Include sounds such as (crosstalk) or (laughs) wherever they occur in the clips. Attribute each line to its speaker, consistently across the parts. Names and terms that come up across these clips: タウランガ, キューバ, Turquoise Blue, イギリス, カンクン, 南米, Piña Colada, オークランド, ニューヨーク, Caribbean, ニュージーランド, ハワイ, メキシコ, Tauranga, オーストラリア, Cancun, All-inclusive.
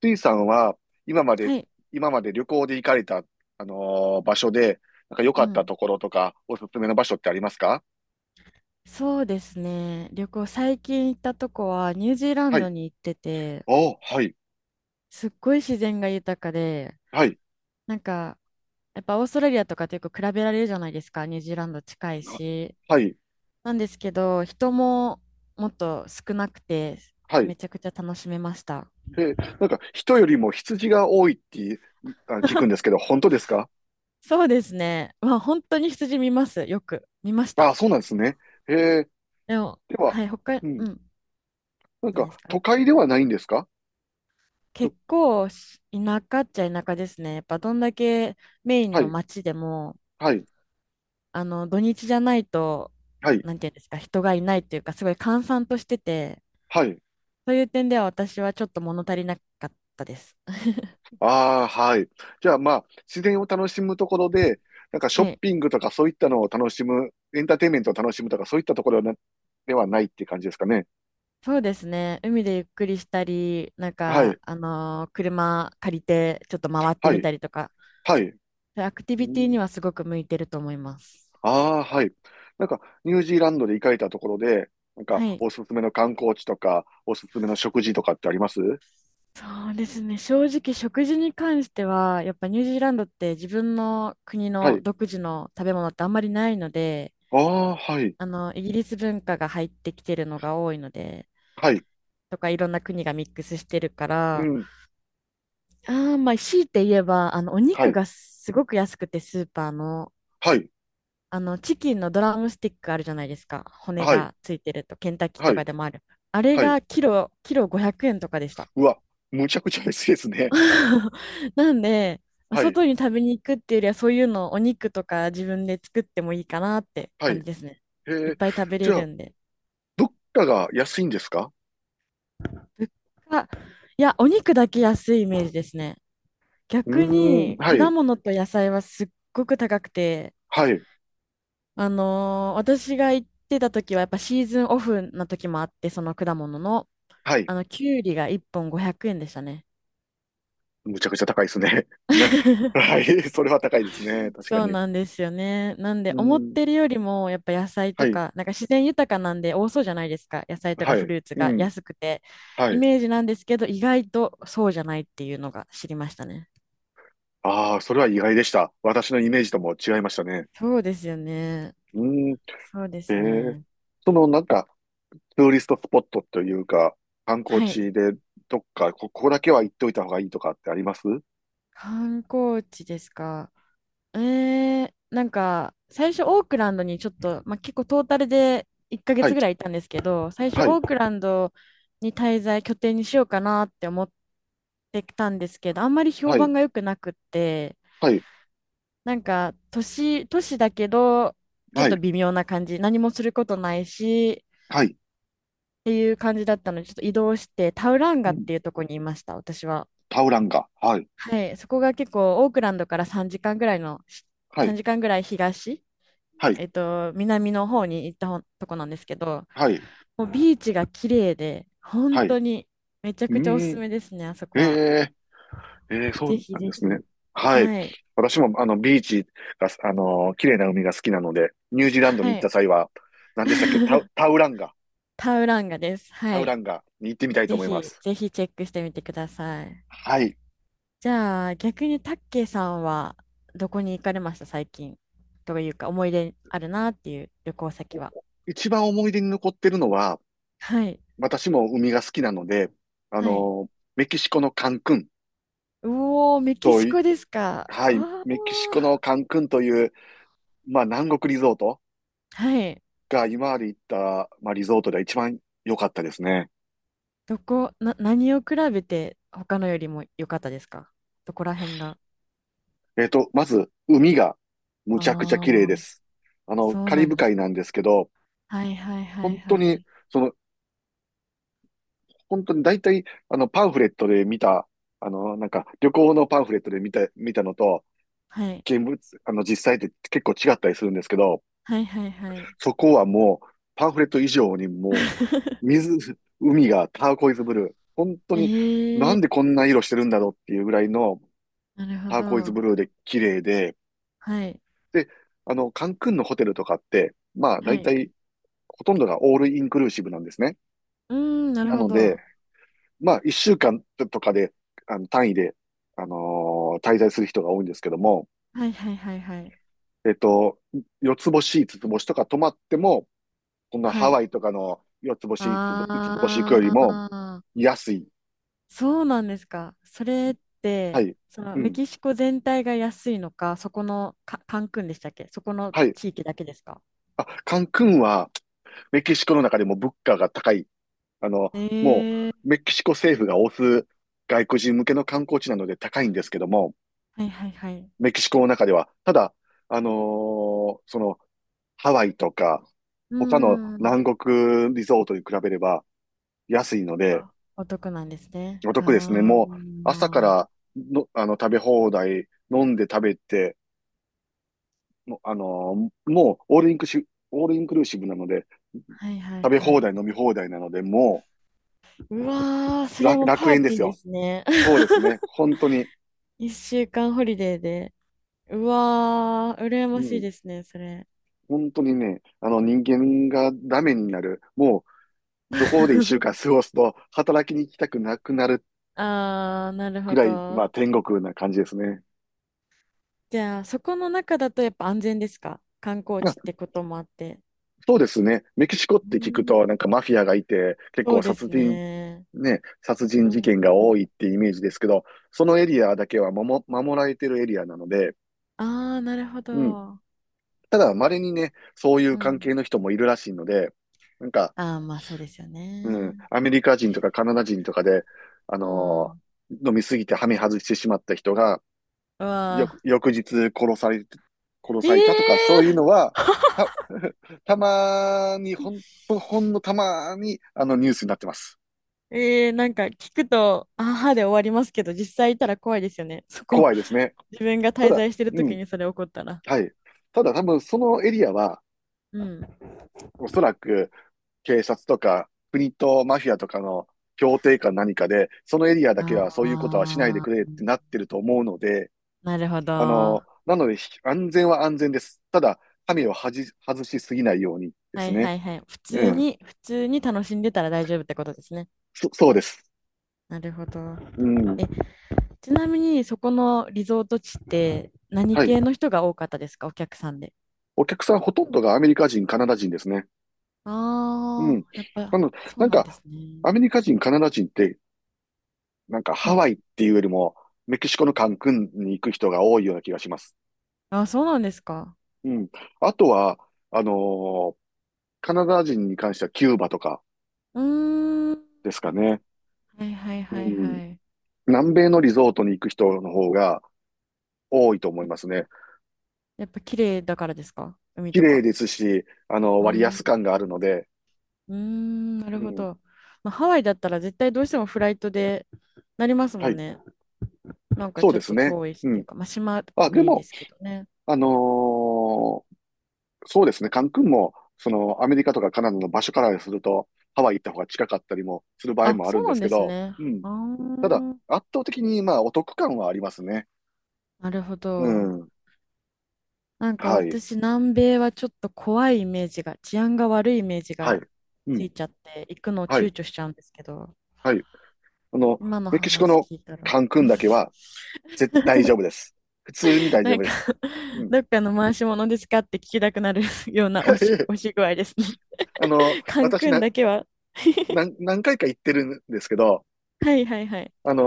Speaker 1: スイさんは、今まで、
Speaker 2: はい。
Speaker 1: 今まで旅行で行かれた、場所で、なんか良
Speaker 2: う
Speaker 1: かった
Speaker 2: ん。
Speaker 1: ところとか、おすすめの場所ってありますか？
Speaker 2: そうですね。旅行、最近行ったとこはニュージーラン
Speaker 1: は
Speaker 2: ド
Speaker 1: い。
Speaker 2: に行ってて、
Speaker 1: おー、はい、
Speaker 2: すっごい自然が豊かで、
Speaker 1: はい、
Speaker 2: なんか、やっぱオーストラリアとかとよく比べられるじゃないですか、ニュージーランド近い
Speaker 1: あ、
Speaker 2: し。
Speaker 1: はい、
Speaker 2: なんですけど、人ももっと少なくて、
Speaker 1: はい。
Speaker 2: めちゃくちゃ楽しめました。
Speaker 1: え、なんか人よりも羊が多いって聞くんですけど、本当ですか？
Speaker 2: そうですね。まあ、本当に羊見ます。よく見まし
Speaker 1: あ
Speaker 2: た。
Speaker 1: あ、そうなんですね。へ、
Speaker 2: でも、
Speaker 1: では、
Speaker 2: はい、他、
Speaker 1: う
Speaker 2: う
Speaker 1: ん、
Speaker 2: ん、
Speaker 1: なん
Speaker 2: 何
Speaker 1: か
Speaker 2: ですか？
Speaker 1: 都会ではないんですか？と、
Speaker 2: 結構し田舎っちゃ田舎ですね。やっぱどんだけメイン
Speaker 1: は
Speaker 2: の
Speaker 1: い、
Speaker 2: 町でも、
Speaker 1: はい、
Speaker 2: あの土日じゃないと、
Speaker 1: はい、
Speaker 2: なんていうんですか、人がいないというか、すごい閑散としてて、
Speaker 1: はい。
Speaker 2: そういう点では私はちょっと物足りなかったです。(laughs)
Speaker 1: ああ、はい。じゃあまあ、自然を楽しむところで、なんかショ
Speaker 2: は
Speaker 1: ッ
Speaker 2: い。
Speaker 1: ピングとかそういったのを楽しむ、エンターテインメントを楽しむとかそういったところな、ではないっていう感じですかね。
Speaker 2: そうですね。海でゆっくりしたり、
Speaker 1: はい、
Speaker 2: 車借りてちょっと回って
Speaker 1: は
Speaker 2: み
Speaker 1: い、
Speaker 2: たりとか、
Speaker 1: はい。
Speaker 2: アクティ
Speaker 1: う
Speaker 2: ビティ
Speaker 1: ん、
Speaker 2: にはすごく向いてると思います。
Speaker 1: ああー、はい。なんか、ニュージーランドで行かれたところで、なんか、
Speaker 2: はい。
Speaker 1: おすすめの観光地とか、おすすめの食事とかってあります？
Speaker 2: そうですね。正直、食事に関しては、やっぱニュージーランドって自分の国
Speaker 1: は
Speaker 2: の
Speaker 1: い。
Speaker 2: 独自の食べ物ってあんまりないので、
Speaker 1: ああ、はい、
Speaker 2: イギリス文化が入ってきてるのが多いので、
Speaker 1: はい、
Speaker 2: とかいろんな国がミックスしてるか
Speaker 1: う
Speaker 2: ら、
Speaker 1: ん、
Speaker 2: あーまあ、強いて言えば、あの、お
Speaker 1: は
Speaker 2: 肉
Speaker 1: い、
Speaker 2: がすごく安くて、スーパーの、
Speaker 1: はい、
Speaker 2: チキンのドラムスティックあるじゃないですか。骨
Speaker 1: はい、
Speaker 2: がついてると、ケンタッキー
Speaker 1: は
Speaker 2: と
Speaker 1: い、
Speaker 2: かでもある。あれ
Speaker 1: はい。
Speaker 2: がキロ500円とかでした。
Speaker 1: うわ、むちゃくちゃですね。
Speaker 2: (laughs) なんで、まあ
Speaker 1: はい、
Speaker 2: 外に食べに行くっていうよりは、そういうのをお肉とか自分で作ってもいいかなって
Speaker 1: はい。
Speaker 2: 感
Speaker 1: へ
Speaker 2: じですね。いっ
Speaker 1: え、
Speaker 2: ぱい食べ
Speaker 1: じ
Speaker 2: れ
Speaker 1: ゃあ、
Speaker 2: るんで。
Speaker 1: 物価が安いんですか？
Speaker 2: 物価、いや、お肉だけ安いイメージですね。
Speaker 1: う
Speaker 2: 逆
Speaker 1: ーん、
Speaker 2: に、
Speaker 1: は
Speaker 2: 果
Speaker 1: い、
Speaker 2: 物と野菜はすっごく高くて、
Speaker 1: はい、
Speaker 2: 私が行ってた時は、やっぱシーズンオフな時もあって、その果物の、
Speaker 1: はい。
Speaker 2: きゅうりが1本500円でしたね。
Speaker 1: むちゃくちゃ高いですね。(laughs) ね、
Speaker 2: (laughs)
Speaker 1: はい、それは高いですね。確か
Speaker 2: そう
Speaker 1: に。う
Speaker 2: なんですよね。なんで、思っ
Speaker 1: ん、
Speaker 2: てるよりも、やっぱ野菜
Speaker 1: は
Speaker 2: と
Speaker 1: い、
Speaker 2: か、なんか自然豊かなんで多そうじゃないですか。野菜とか
Speaker 1: は
Speaker 2: フ
Speaker 1: い、
Speaker 2: ルーツ
Speaker 1: う
Speaker 2: が
Speaker 1: ん、
Speaker 2: 安くて、
Speaker 1: は
Speaker 2: イ
Speaker 1: い。
Speaker 2: メージなんですけど、意外とそうじゃないっていうのが知りましたね。
Speaker 1: ああ、それは意外でした。私のイメージとも違いましたね。
Speaker 2: そうですよね。
Speaker 1: うん、え
Speaker 2: そうです
Speaker 1: ー、
Speaker 2: ね。
Speaker 1: そのなんか、ツーリストスポットというか、観光
Speaker 2: はい。
Speaker 1: 地で、どっか、ここだけは行っておいた方がいいとかってあります？
Speaker 2: 観光地ですか？最初オークランドにちょっと、まあ、結構トータルで1ヶ
Speaker 1: は
Speaker 2: 月
Speaker 1: い、
Speaker 2: ぐらいいたんですけど、最初
Speaker 1: は
Speaker 2: オ
Speaker 1: い、
Speaker 2: ークランドに滞在、拠点にしようかなって思ってたんですけど、あんまり評
Speaker 1: はい、
Speaker 2: 判が良くなくって、
Speaker 1: はい、
Speaker 2: 都市だけど、ちょっ
Speaker 1: はい、
Speaker 2: と微妙な感じ、何もすることないし、
Speaker 1: はい。
Speaker 2: っていう感じだったので、ちょっと移動して、タウランガ
Speaker 1: う
Speaker 2: っ
Speaker 1: ん、
Speaker 2: ていうとこにいました、私は。
Speaker 1: タウランガ。はい、
Speaker 2: はい、そこが結構、オークランドから3時間ぐらいの、
Speaker 1: はい、
Speaker 2: 3時間ぐらい東。
Speaker 1: はい、
Speaker 2: えっと、南の方に行ったほとこなんですけど、
Speaker 1: はい、
Speaker 2: もうビーチが綺麗で、本
Speaker 1: はい。う
Speaker 2: 当にめちゃくちゃおす
Speaker 1: ー
Speaker 2: す
Speaker 1: ん。
Speaker 2: めですね、あそ
Speaker 1: え、
Speaker 2: こは。
Speaker 1: え、ええ、そ
Speaker 2: ぜ
Speaker 1: う
Speaker 2: ひ
Speaker 1: なん
Speaker 2: ぜ
Speaker 1: ですね。
Speaker 2: ひ。
Speaker 1: はい。
Speaker 2: はい。
Speaker 1: 私も、ビーチが、綺麗な海が好きなので、ニュージーランドに行っ
Speaker 2: は
Speaker 1: た
Speaker 2: い。
Speaker 1: 際は、何でしたっけ、
Speaker 2: (laughs)
Speaker 1: タウランガ、
Speaker 2: タウランガです。
Speaker 1: タ
Speaker 2: は
Speaker 1: ウラ
Speaker 2: い。
Speaker 1: ンガに行ってみたいと
Speaker 2: ぜ
Speaker 1: 思いま
Speaker 2: ひ、
Speaker 1: す。
Speaker 2: ぜひチェックしてみてください。
Speaker 1: はい。
Speaker 2: じゃあ、逆にタッケイさんはどこに行かれました、最近。というか、思い出あるなっていう旅行先は。
Speaker 1: 一番思い出に残ってるのは、
Speaker 2: はい。
Speaker 1: 私も海が好きなので、あ
Speaker 2: はい。
Speaker 1: の、メキシコのカンクン
Speaker 2: うおー、メキ
Speaker 1: と
Speaker 2: シ
Speaker 1: い、
Speaker 2: コですか。あ
Speaker 1: はい、
Speaker 2: あ。
Speaker 1: メキシコのカンクンという、まあ、南国リゾート
Speaker 2: はい。
Speaker 1: が今まで行った、まあ、リゾートでは一番良かったですね。
Speaker 2: どこ、な、何を比べて他のよりも良かったですか？どこら辺が。
Speaker 1: まず、海がむちゃくちゃ
Speaker 2: あ
Speaker 1: 綺麗
Speaker 2: あ、
Speaker 1: です。あの、
Speaker 2: そう
Speaker 1: カリ
Speaker 2: なん
Speaker 1: ブ
Speaker 2: です
Speaker 1: 海
Speaker 2: か。
Speaker 1: なんですけど、
Speaker 2: はいはいはい
Speaker 1: 本当
Speaker 2: は
Speaker 1: に、
Speaker 2: い。
Speaker 1: その、本当に大体、あの、パンフレットで見た、あの、なんか、旅行のパンフレットで見たのと、
Speaker 2: はい。
Speaker 1: 現物、あの、実際って結構違ったりするんですけど、
Speaker 2: はいはいはい。
Speaker 1: そこはもう、パンフレット以上にもう、
Speaker 2: (laughs)
Speaker 1: 水、海がターコイズブルー。本当に、な
Speaker 2: え
Speaker 1: んで
Speaker 2: え
Speaker 1: こんな色してるんだろうっていうぐらいの
Speaker 2: ー、なるほ
Speaker 1: ターコイズ
Speaker 2: ど。
Speaker 1: ブルーで綺麗で、
Speaker 2: はい。
Speaker 1: で、あの、カンクンのホテルとかって、まあ、
Speaker 2: は
Speaker 1: 大
Speaker 2: い。
Speaker 1: 体ほとんどがオールインクルーシブなんですね。
Speaker 2: うーん、なる
Speaker 1: な
Speaker 2: ほ
Speaker 1: ので、
Speaker 2: ど。
Speaker 1: まあ、一週間とかで、あの、単位で、あの滞在する人が多いんですけども、
Speaker 2: はいはいはいはい。
Speaker 1: えっと、四つ星、五つ星とか泊まっても、こんな
Speaker 2: は
Speaker 1: ハ
Speaker 2: い。
Speaker 1: ワイとかの四つ星、五つ星行くより
Speaker 2: あ
Speaker 1: も
Speaker 2: あ、
Speaker 1: 安い。
Speaker 2: そうなんですか。それっ
Speaker 1: は
Speaker 2: て、
Speaker 1: い。
Speaker 2: その
Speaker 1: う
Speaker 2: メ
Speaker 1: ん。
Speaker 2: キシコ全体が安いのか、カンクンでしたっけ？そこの
Speaker 1: はい。
Speaker 2: 地域だけですか？
Speaker 1: あ、カンクンはメキシコの中でも物価が高い。あの、も
Speaker 2: ええ、
Speaker 1: うメキシコ政府が推す外国人向けの観光地なので高いんですけども、
Speaker 2: はいはいはい。
Speaker 1: メキシコの中では。ただ、その、ハワイとか、
Speaker 2: う
Speaker 1: 他の
Speaker 2: んん。
Speaker 1: 南国リゾートに比べれば安いので、
Speaker 2: あ、お得なんですね。
Speaker 1: お得ですね。
Speaker 2: あうー
Speaker 1: もう、
Speaker 2: ん、
Speaker 1: 朝か
Speaker 2: あ、
Speaker 1: らの、あの、食べ放題、飲んで食べて、もうもう、オールインクルーシブなので、
Speaker 2: はいはい
Speaker 1: 食べ
Speaker 2: は
Speaker 1: 放
Speaker 2: い。
Speaker 1: 題、飲み放題なので、も
Speaker 2: うわー、
Speaker 1: う、
Speaker 2: それはもう
Speaker 1: 楽
Speaker 2: パー
Speaker 1: 園で
Speaker 2: ティ
Speaker 1: す
Speaker 2: ーで
Speaker 1: よ。
Speaker 2: すね。
Speaker 1: そうです
Speaker 2: (laughs)
Speaker 1: ね。本当に。
Speaker 2: 一週間ホリデーで。うわー、羨
Speaker 1: う
Speaker 2: ましい
Speaker 1: ん。
Speaker 2: ですね、それ。
Speaker 1: 本当にね、あの人間がダメになる、もうそこで一週
Speaker 2: (laughs)
Speaker 1: 間過ごすと、働きに行きたくなくなる
Speaker 2: あー、なる
Speaker 1: く
Speaker 2: ほ
Speaker 1: らい、ま
Speaker 2: ど。
Speaker 1: あ、天国な感じですね。
Speaker 2: じゃあ、そこの中だとやっぱ安全ですか？観光
Speaker 1: まあ、
Speaker 2: 地ってこともあって。
Speaker 1: そうですね。メキシコっ
Speaker 2: う
Speaker 1: て聞く
Speaker 2: ん、
Speaker 1: と、なんかマフィアがいて、結
Speaker 2: そ
Speaker 1: 構
Speaker 2: うで
Speaker 1: 殺
Speaker 2: す
Speaker 1: 人、
Speaker 2: ね。
Speaker 1: ね、殺人
Speaker 2: う
Speaker 1: 事件
Speaker 2: ん、
Speaker 1: が
Speaker 2: あ
Speaker 1: 多いってイメージで
Speaker 2: ん。
Speaker 1: すけど、そのエリアだけは守られてるエリアなので、
Speaker 2: あー、なるほ
Speaker 1: うん。
Speaker 2: ど。
Speaker 1: ただ、稀にね、そうい
Speaker 2: う
Speaker 1: う関
Speaker 2: ん。
Speaker 1: 係の人もいるらしいので、なんか、
Speaker 2: あー、まあそうですよ
Speaker 1: うん、
Speaker 2: ね。
Speaker 1: アメリカ人とかカナダ人とかで、あ
Speaker 2: う
Speaker 1: の
Speaker 2: ん。
Speaker 1: ー飲みすぎてハメ外してしまった人が、
Speaker 2: うわ
Speaker 1: 翌日殺され、殺
Speaker 2: ー、え
Speaker 1: されたとか、そ
Speaker 2: え
Speaker 1: ういうの
Speaker 2: ー、
Speaker 1: は、た、(laughs) たまに、ほんのたまに、あの、ニュースになってます。
Speaker 2: ええー、なんか聞くと、あはで終わりますけど、実際いたら怖いですよね。そこ、
Speaker 1: 怖いですね。
Speaker 2: 自分が
Speaker 1: た
Speaker 2: 滞
Speaker 1: だ、
Speaker 2: 在してる
Speaker 1: う
Speaker 2: 時
Speaker 1: ん、
Speaker 2: にそれ起こったら。
Speaker 1: はい。ただ多分、そのエリアは、
Speaker 2: うん。
Speaker 1: おそらく、警察とか、国とマフィアとかの協定か何かで、そのエリアだけはそういうことはしないで
Speaker 2: ああ、
Speaker 1: くれってなってると思うので、
Speaker 2: なるほど。
Speaker 1: あの、
Speaker 2: は
Speaker 1: なので、安全は安全です。ただ、神をはじ、外しすぎないようにです
Speaker 2: い
Speaker 1: ね。
Speaker 2: はいはい。普
Speaker 1: う
Speaker 2: 通
Speaker 1: ん。
Speaker 2: に、普通に楽しんでたら大丈夫ってことですね。
Speaker 1: そうです。
Speaker 2: なるほど。
Speaker 1: うん。
Speaker 2: え、ちなみにそこのリゾート地って何
Speaker 1: はい。
Speaker 2: 系の人が多かったですか、お客さんで。
Speaker 1: お客さんほとんどがアメリカ人、カナダ人ですね。う
Speaker 2: あ
Speaker 1: ん。
Speaker 2: あ、やっ
Speaker 1: な
Speaker 2: ぱ
Speaker 1: の、
Speaker 2: そう
Speaker 1: なん
Speaker 2: なんで
Speaker 1: か、
Speaker 2: す
Speaker 1: ア
Speaker 2: ね。
Speaker 1: メリカ人、カナダ人って、なんか
Speaker 2: は
Speaker 1: ハ
Speaker 2: い。
Speaker 1: ワイっていうよりも、メキシコのカンクンに行く人が多いような気がします。
Speaker 2: あ、そうなんですか。
Speaker 1: うん。あとは、あのーカナダ人に関してはキューバとか
Speaker 2: うーん。
Speaker 1: ですかね。
Speaker 2: はいはい
Speaker 1: う
Speaker 2: はい
Speaker 1: ん。
Speaker 2: はい。
Speaker 1: 南米のリゾートに行く人の方が多いと思いますね。
Speaker 2: やっぱ綺麗だからですか？海
Speaker 1: 綺
Speaker 2: と
Speaker 1: 麗
Speaker 2: か。
Speaker 1: ですし、あの、
Speaker 2: うー
Speaker 1: 割安感
Speaker 2: ん。
Speaker 1: があるので、
Speaker 2: うーん、なる
Speaker 1: う
Speaker 2: ほ
Speaker 1: ん。
Speaker 2: ど。まあ、ハワイだったら絶対どうしてもフライトでなりますも
Speaker 1: は
Speaker 2: ん
Speaker 1: い。
Speaker 2: ね。なんか
Speaker 1: そう
Speaker 2: ちょ
Speaker 1: で
Speaker 2: っ
Speaker 1: す
Speaker 2: と
Speaker 1: ね。
Speaker 2: 遠いしっ
Speaker 1: う
Speaker 2: ていう
Speaker 1: ん。
Speaker 2: か、まあ、島
Speaker 1: あ、で
Speaker 2: 国で
Speaker 1: も、
Speaker 2: すけどね。
Speaker 1: あのーそうですね、カンクンも、その、アメリカとかカナダの場所からすると、ハワイ行った方が近かったりもする場合
Speaker 2: あ、
Speaker 1: もあ
Speaker 2: そ
Speaker 1: る
Speaker 2: う
Speaker 1: んで
Speaker 2: なん
Speaker 1: す
Speaker 2: で
Speaker 1: け
Speaker 2: す
Speaker 1: ど、
Speaker 2: ね。
Speaker 1: うん。
Speaker 2: あ
Speaker 1: ただ、
Speaker 2: ー、
Speaker 1: 圧倒的に、まあ、お得感はありますね。
Speaker 2: なるほ
Speaker 1: う
Speaker 2: ど。
Speaker 1: ん。
Speaker 2: なんか
Speaker 1: はい。
Speaker 2: 私、南米はちょっと怖いイメージが、治安が悪いイメージ
Speaker 1: はい。
Speaker 2: が
Speaker 1: う
Speaker 2: つ
Speaker 1: ん。
Speaker 2: いちゃって、行くのを
Speaker 1: はい。
Speaker 2: 躊躇しちゃうんですけど、
Speaker 1: はい。あの、
Speaker 2: 今の
Speaker 1: メキシコ
Speaker 2: 話
Speaker 1: の
Speaker 2: 聞いたら。
Speaker 1: カンクンだけ
Speaker 2: (laughs)
Speaker 1: は、大丈夫です。普通に大丈
Speaker 2: な
Speaker 1: 夫
Speaker 2: ん
Speaker 1: で
Speaker 2: か
Speaker 1: す。
Speaker 2: (laughs)
Speaker 1: うん。
Speaker 2: どっかの回し物ですかって聞きたくなる (laughs) ような押
Speaker 1: (laughs)
Speaker 2: し具合ですね。
Speaker 1: あの、
Speaker 2: (laughs) カン
Speaker 1: 私
Speaker 2: クン
Speaker 1: な、
Speaker 2: だけは。
Speaker 1: 何回か行ってるんですけど、
Speaker 2: はいはいはい。
Speaker 1: あの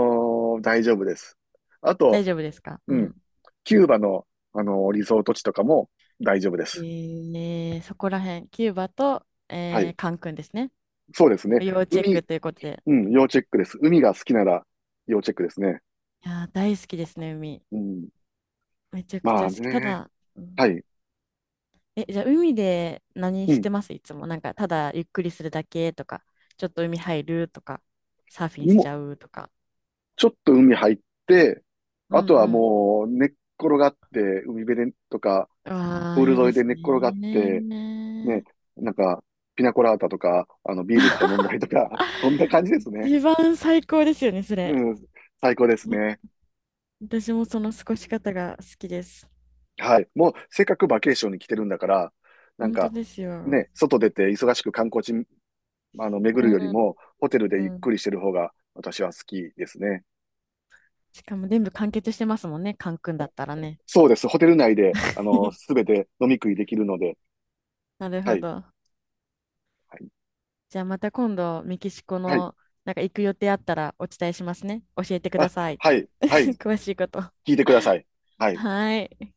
Speaker 1: 大丈夫です。あ
Speaker 2: 大
Speaker 1: と、
Speaker 2: 丈夫ですか？
Speaker 1: う
Speaker 2: う
Speaker 1: ん。
Speaker 2: ん。
Speaker 1: キューバの、あの、リゾート地とかも大丈夫です。
Speaker 2: えー、そこら辺、キューバと、
Speaker 1: は
Speaker 2: え
Speaker 1: い。
Speaker 2: ー、カンクンですね。
Speaker 1: そうですね。
Speaker 2: 要チェッ
Speaker 1: 海、
Speaker 2: クということで。
Speaker 1: うん、要チェックです。海が好きなら要チェックですね。
Speaker 2: いやー、大好きですね、海。
Speaker 1: うん。
Speaker 2: めちゃくち
Speaker 1: ま
Speaker 2: ゃ
Speaker 1: あ
Speaker 2: 好き。た
Speaker 1: ね。
Speaker 2: だ、うん、
Speaker 1: はい。
Speaker 2: え、じゃあ海で何
Speaker 1: う
Speaker 2: し
Speaker 1: ん。
Speaker 2: てます？いつも。なんか、ただゆっくりするだけとか、ちょっと海入るとか、サーフィンし
Speaker 1: も
Speaker 2: ち
Speaker 1: う、
Speaker 2: ゃうとか。
Speaker 1: ちょっと海入って、
Speaker 2: うん
Speaker 1: あとは
Speaker 2: うん、
Speaker 1: もう寝っ転がって、海辺でとか、
Speaker 2: あ
Speaker 1: プ
Speaker 2: あ、
Speaker 1: ール
Speaker 2: いい
Speaker 1: 沿
Speaker 2: で
Speaker 1: いで
Speaker 2: す
Speaker 1: 寝っ転がって、
Speaker 2: ね。
Speaker 1: ね、なんか、ピナコラータとか、あの、ビールとか飲んだりとか、(laughs) そんな感じですね。
Speaker 2: 一番最高ですよね、それ。
Speaker 1: うん。最高です
Speaker 2: も
Speaker 1: ね。
Speaker 2: 私もその過ごし方が好きです。
Speaker 1: はい。もう、せっかくバケーションに来てるんだから、なん
Speaker 2: 本当
Speaker 1: か、
Speaker 2: ですよ。
Speaker 1: ね、外出て忙しく観光地、あの、巡
Speaker 2: う
Speaker 1: るより
Speaker 2: ん。
Speaker 1: も、ホテル
Speaker 2: う
Speaker 1: でゆっ
Speaker 2: ん、
Speaker 1: くりしてる方が、私は好きですね。
Speaker 2: しかも全部完結してますもんね、カン君だったらね。
Speaker 1: そうです。ホテル内で、あの、す
Speaker 2: (laughs)
Speaker 1: べて飲み食いできるので、
Speaker 2: なる
Speaker 1: は
Speaker 2: ほ
Speaker 1: い。
Speaker 2: ど。
Speaker 1: はい。
Speaker 2: じゃあまた今度、メキシコ
Speaker 1: はい。
Speaker 2: の、なんか行く予定あったらお伝えしますね。教えてくだ
Speaker 1: あ、
Speaker 2: さいっ
Speaker 1: は
Speaker 2: て。
Speaker 1: い。はい。
Speaker 2: (laughs) 詳しいこと。
Speaker 1: 聞いてください。はい。
Speaker 2: はい。